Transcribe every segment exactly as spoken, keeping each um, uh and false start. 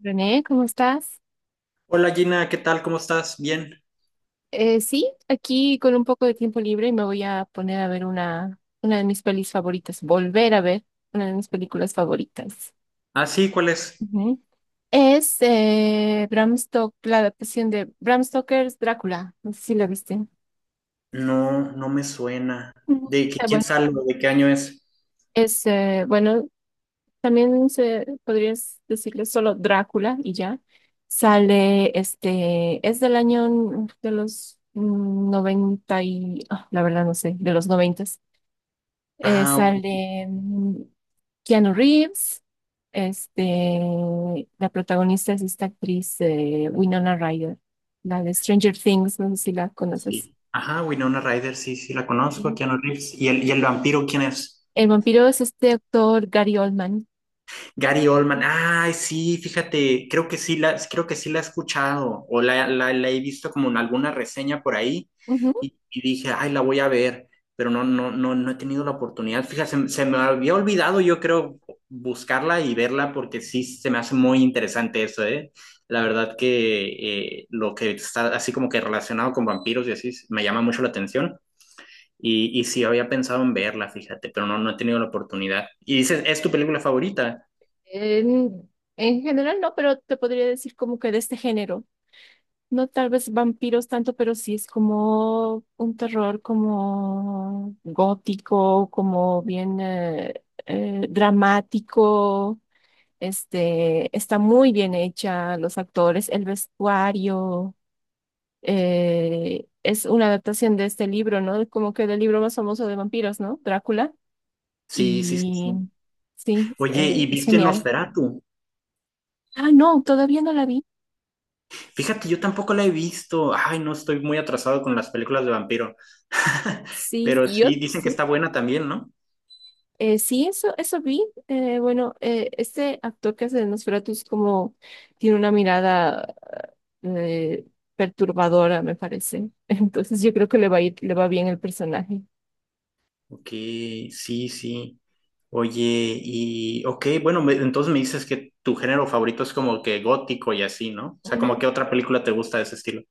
René, ¿cómo estás? Hola Gina, ¿qué tal? ¿Cómo estás? Bien. Eh, sí, aquí con un poco de tiempo libre y me voy a poner a ver una, una de mis pelis favoritas, volver a ver una de mis películas favoritas. Ah, sí, ¿cuál es? Ujú. Es eh, Bram Stoker, la adaptación de Bram Stoker's Drácula. No sé si la viste. No, no me suena. Ujú. ¿De qué- Eh, quién bueno, sale? ¿De qué año es? es eh, bueno, También se, podrías decirle solo Drácula y ya. Sale, este, es del año mm, de los mm, noventa y, ah, la verdad no sé, de los noventa. Eh, Ah, ok, Sale mm, Keanu Reeves. Este, la protagonista es esta actriz eh, Winona Ryder, la de Stranger Things, no sé si la conoces. sí. Ajá, Winona Ryder, sí, sí, la conozco, Sí. Keanu Reeves. ¿Y el, y el vampiro quién es? El vampiro es este actor Gary Oldman. Gary Oldman, ay, sí, fíjate, creo que sí la, creo que sí la he escuchado o la, la- la he visto como en alguna reseña por ahí Ujú. y, y dije, ay, la voy a ver, pero no, no, no, no he tenido la oportunidad. Fíjate, se, se me había olvidado, yo creo, buscarla y verla porque sí se me hace muy interesante eso, ¿eh? La verdad que eh, lo que está así como que relacionado con vampiros y así me llama mucho la atención. Y, y sí, había pensado en verla, fíjate, pero no, no he tenido la oportunidad. Y dices, ¿es tu película favorita? En, en general no, pero te podría decir como que de este género. No tal vez vampiros tanto, pero sí es como un terror como gótico, como bien eh, eh, dramático. Este, está muy bien hecha, los actores, el vestuario. Eh, es una adaptación de este libro, ¿no? Como que del libro más famoso de vampiros, ¿no? Drácula. Sí, sí, sí, Y sí. sí, Oye, ¿y eh, es viste genial. Nosferatu? Ah, no, todavía no la vi. Fíjate, yo tampoco la he visto. Ay, no estoy muy atrasado con las películas de vampiro. Sí, Pero yo sí, dicen que sí. está buena también, ¿no? Eh, sí, eso, eso vi. Eh, bueno, eh, este actor que hace de Nosferatu es como tiene una mirada eh, perturbadora, me parece. Entonces yo creo que le va a ir, le va bien el personaje. Ok, sí, sí. Oye, y ok, bueno, me- entonces me dices que tu género favorito es como que gótico y así, ¿no? O sea, como que otra película te gusta de ese estilo.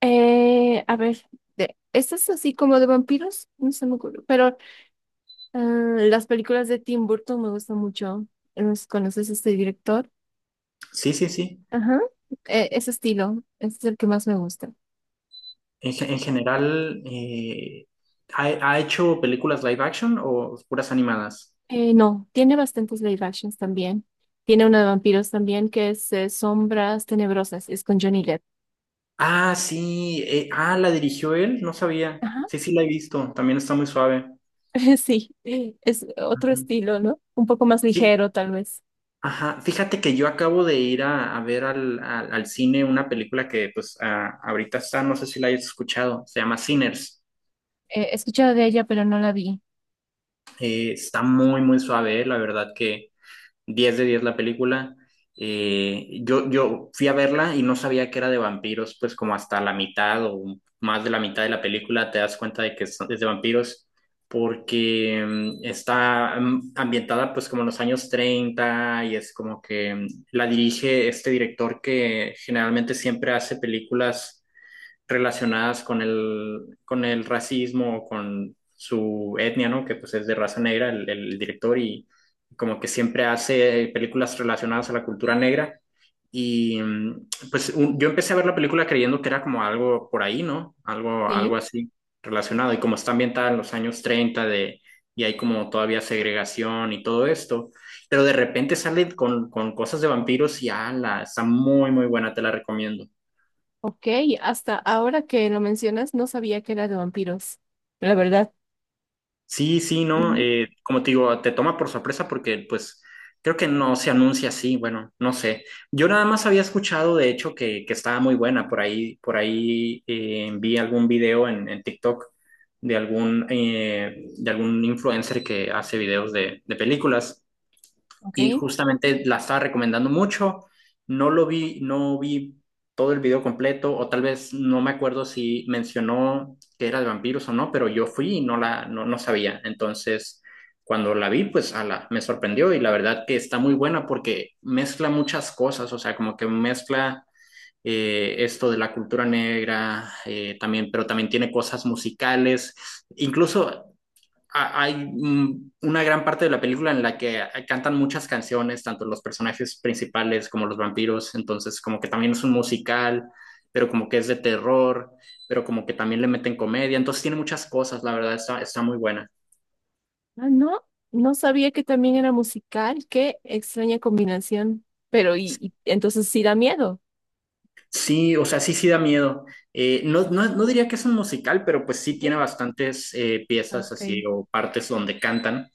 Eh, a ver, de, estas así como de vampiros, no se me ocurre, pero eh, las películas de Tim Burton me gustan mucho. No sé si ¿Conoces a este director? Sí, sí, sí. Ajá. Eh, ese estilo, ese es el que más me gusta. En, ge- en general, eh, ¿ha, ha hecho películas live action o puras animadas? Eh, no, tiene bastantes live actions también. Tiene una de vampiros también que es eh, Sombras Tenebrosas, es con Johnny Depp. Ah, sí. Eh, ah, la dirigió él, no sabía. Ajá. Sí, sí, la he visto. También está muy suave. Sí, es otro Ujú. estilo, ¿no? Un poco más Sí, ligero, tal vez. ajá. Fíjate que yo acabo de ir a, a ver al, al, al cine una película que, pues, ah, ahorita está, no sé si la hayas escuchado. Se llama Sinners. Eh, he escuchado de ella, pero no la vi. Eh, está muy, muy suave, la verdad que. Diez de diez la película. Eh, yo, yo fui a verla y no sabía que era de vampiros, pues como hasta la mitad o más de la mitad de la película te das cuenta de que es es de vampiros, porque mm, está mm, ambientada pues como en los años treinta y es como que mm, la dirige este director que generalmente siempre hace películas relacionadas con el, con el racismo, con su etnia, ¿no? Que pues es de raza negra, el, el director, y como que siempre hace películas relacionadas a la cultura negra. Y mm, pues un- yo empecé a ver la película creyendo que era como algo por ahí, ¿no? Algo, algo Sí. así relacionado. Y como está ambientada en los años treinta de, y hay como todavía segregación y todo esto, pero de repente sale con, con cosas de vampiros y ala, está muy, muy buena, te la recomiendo. Ok, hasta ahora que lo mencionas, no sabía que era de vampiros. La verdad. Sí, sí, ¿no? Ujú, Eh, como te digo, te toma por sorpresa porque pues creo que no se anuncia así, bueno, no sé. Yo nada más había escuchado, de hecho, que, que estaba muy buena. Por ahí, por ahí eh, vi algún video en, en TikTok de algún, eh, de algún influencer que hace videos de, de películas ok. y justamente la estaba recomendando mucho. No lo vi, no vi todo el video completo, o tal vez no me acuerdo si mencionó que era de vampiros o no, pero yo fui y no la no, no sabía. Entonces, cuando la vi, pues ala, me sorprendió y la verdad que está muy buena porque mezcla muchas cosas, o sea, como que mezcla eh, esto de la cultura negra, eh, también, pero también tiene cosas musicales. Incluso hay mm, una gran parte de la película en la que eh, cantan muchas canciones, tanto los personajes principales como los vampiros, entonces como que también es un musical, pero como que es de terror, pero como que también le meten comedia, entonces tiene muchas cosas, la verdad, está, está muy buena. Ah, no, no sabía que también era musical. Qué extraña combinación. Pero, y, y entonces sí da miedo. Sí, o sea, sí, sí da miedo. Eh, no, no, no diría que es un musical, pero pues sí tiene Ujú. bastantes eh, Ah, piezas ok, así o partes donde cantan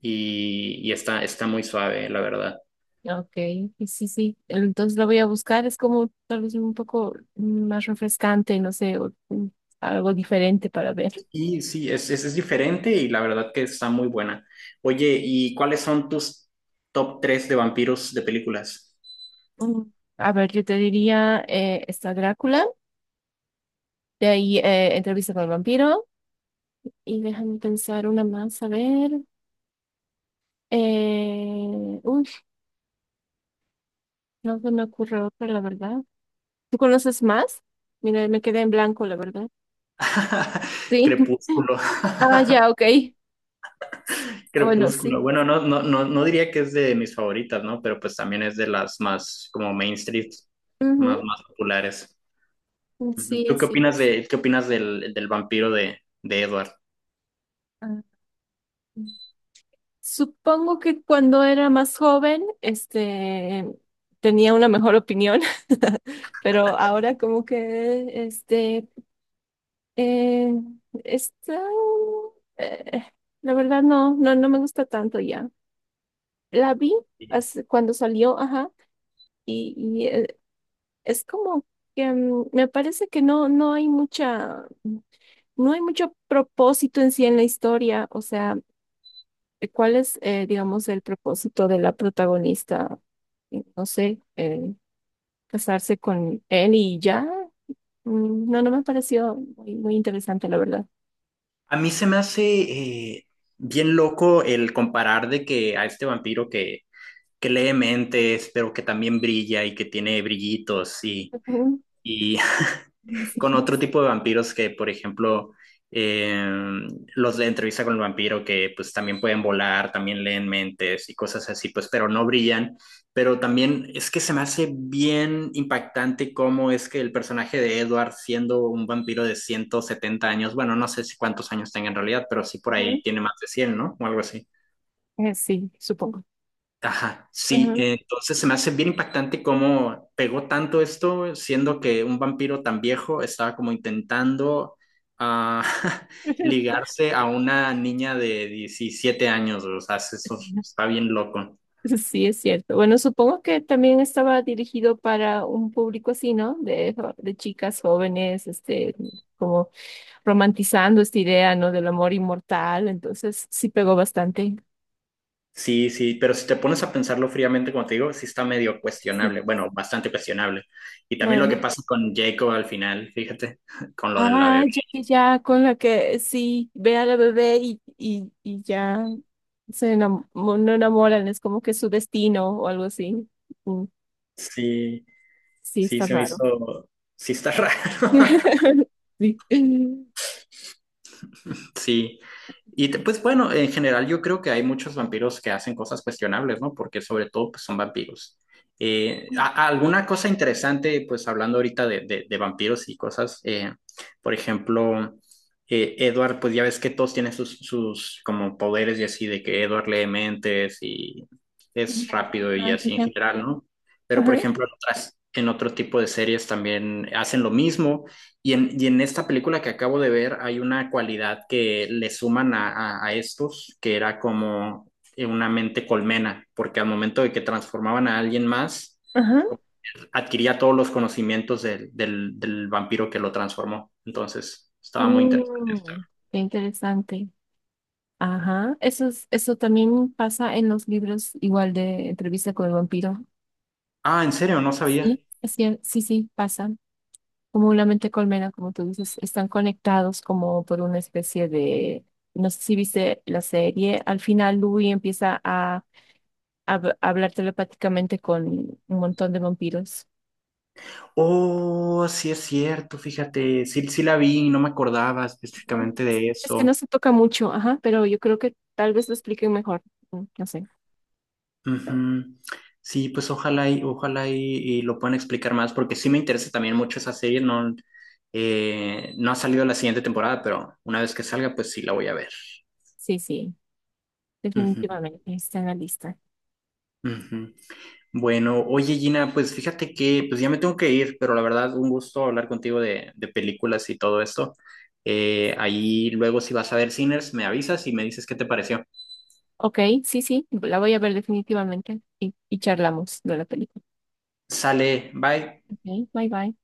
y, y está, está muy suave, la verdad. ok. Y sí, sí. Entonces la voy a buscar. Es como tal vez un poco más refrescante, no sé, o, mm, algo diferente para ver. Y sí, es, es, es diferente y la verdad que está muy buena. Oye, ¿y cuáles son tus top tres de vampiros de películas? Mm, a ver, yo te diría, eh, está Drácula. De ahí, eh, entrevista con el vampiro. Y déjame pensar una más, a ver. Eh, uy, no se me ocurre otra, la verdad. ¿Tú conoces más? Mira, me quedé en blanco, la verdad. Sí. Crepúsculo, Ah, ya, ok. Ah, bueno, sí. Crepúsculo. Bueno, no, no, no, no diría que es de mis favoritas, ¿no? Pero pues también es de las más como mainstream, más, más populares. Ujú, Ujú. sí, ¿Tú es qué cierto. opinas de, qué opinas del, del vampiro de, de Edward? Ah, sí. Supongo que cuando era más joven, este, tenía una mejor opinión, pero ahora como que, este, eh, está, eh, la verdad no, no, no me gusta tanto ya. La vi hace- cuando salió, ajá, y, y, eh, es como que mm, me parece que no, no hay mucha, no hay mucho propósito en sí en la historia, o sea, eh, ¿cuál es, eh, digamos, el propósito de la protagonista? Eh, No sé, eh, casarse con él y ya. Mm, no, no me pareció muy, muy interesante, la verdad. A mí se me hace eh, bien loco el comparar de que a este vampiro que que lee mentes, pero que también brilla y que tiene brillitos y, Ujú. y con Sí, otro tipo de vampiros que, por ejemplo, eh, los de entrevista con el vampiro que pues también pueden volar, también leen mentes y cosas así, pues pero no brillan, pero también es que se me hace bien impactante cómo es que el personaje de Edward siendo un vampiro de ciento setenta años, bueno, no sé si cuántos años tenga en realidad, pero sí por ahí ujú. tiene más de cien, ¿no? O algo así. Eh, sí, supongo. Ajá, sí, Ujú. eh, entonces se me hace bien impactante cómo pegó tanto esto, siendo que un vampiro tan viejo estaba como intentando ah, ligarse a una niña de diecisiete años, o sea, eso está bien loco. Sí, es cierto. Bueno, supongo que también estaba dirigido para un público así, ¿no? De, jo- de chicas jóvenes, este, como romantizando esta idea, ¿no? Del amor inmortal. Entonces, sí pegó bastante. Sí, sí, pero si te pones a pensarlo fríamente, como te digo, sí está medio Sí. cuestionable, bueno, bastante cuestionable. Y también lo Bueno. que pasa con Jacob al final, fíjate, con lo de la Ah, bebé. ya, ya, ya, con la que sí, ve a la bebé y, y, y ya se enam- no enamoran, es como que su destino o algo así. Mm, Sí, sí, sí, está se me raro. hizo, sí está raro. Sí. Sí. Y te- pues bueno, en general yo creo que hay muchos vampiros que hacen cosas cuestionables, ¿no? Porque sobre todo pues, son vampiros. Eh, a- a- alguna cosa interesante, pues hablando ahorita de, de- de vampiros y cosas, eh, por ejemplo, eh, Edward, pues ya ves que todos tienen sus, sus como poderes y así, de que Edward lee mentes y es rápido y Ah, ya, así en ya. general, ¿no? Pero por Ajá. ejemplo, en otras, en otro tipo de series también hacen lo mismo y en, y en esta película que acabo de ver hay una cualidad que le suman a, a- a estos, que era como eh, una mente colmena, porque al momento de que transformaban a alguien más, Ajá. adquiría todos los conocimientos del, del, del vampiro que lo transformó. Entonces, estaba muy interesante. Mm, qué interesante. Ajá. Eso es- eso también pasa en los libros, igual de entrevista con el vampiro. Ah, ¿en serio? No sabía. Sí, es cier- sí, sí, pasa. Como una mente colmena, como tú dices, están conectados como por una especie de, no sé si viste la serie, al final Louis empieza a, a hab- a hablar telepáticamente con un montón de vampiros. Oh, sí es cierto, fíjate, sí, sí la vi, no me acordaba Ajá. específicamente de Es que no eso. se toca mucho, ajá, pero yo creo que tal vez lo expliquen mejor. Mm, no sé. Ujú. Sí, pues ojalá y ojalá y, y lo puedan explicar más, porque sí me interesa también mucho esa serie. No, eh, no ha salido la siguiente temporada, pero una vez que salga, pues sí la voy a ver. Sí, sí. Ujú, Definitivamente, está en la lista. ujú. Bueno, oye Gina, pues fíjate que pues ya me tengo que ir, pero la verdad un gusto hablar contigo de, de películas y todo esto. Eh, ahí luego si vas a ver Sinners, me avisas y me dices qué te pareció. Ok, sí, sí, la voy a ver definitivamente y, y charlamos de la película. Sale, bye. Ok, bye bye.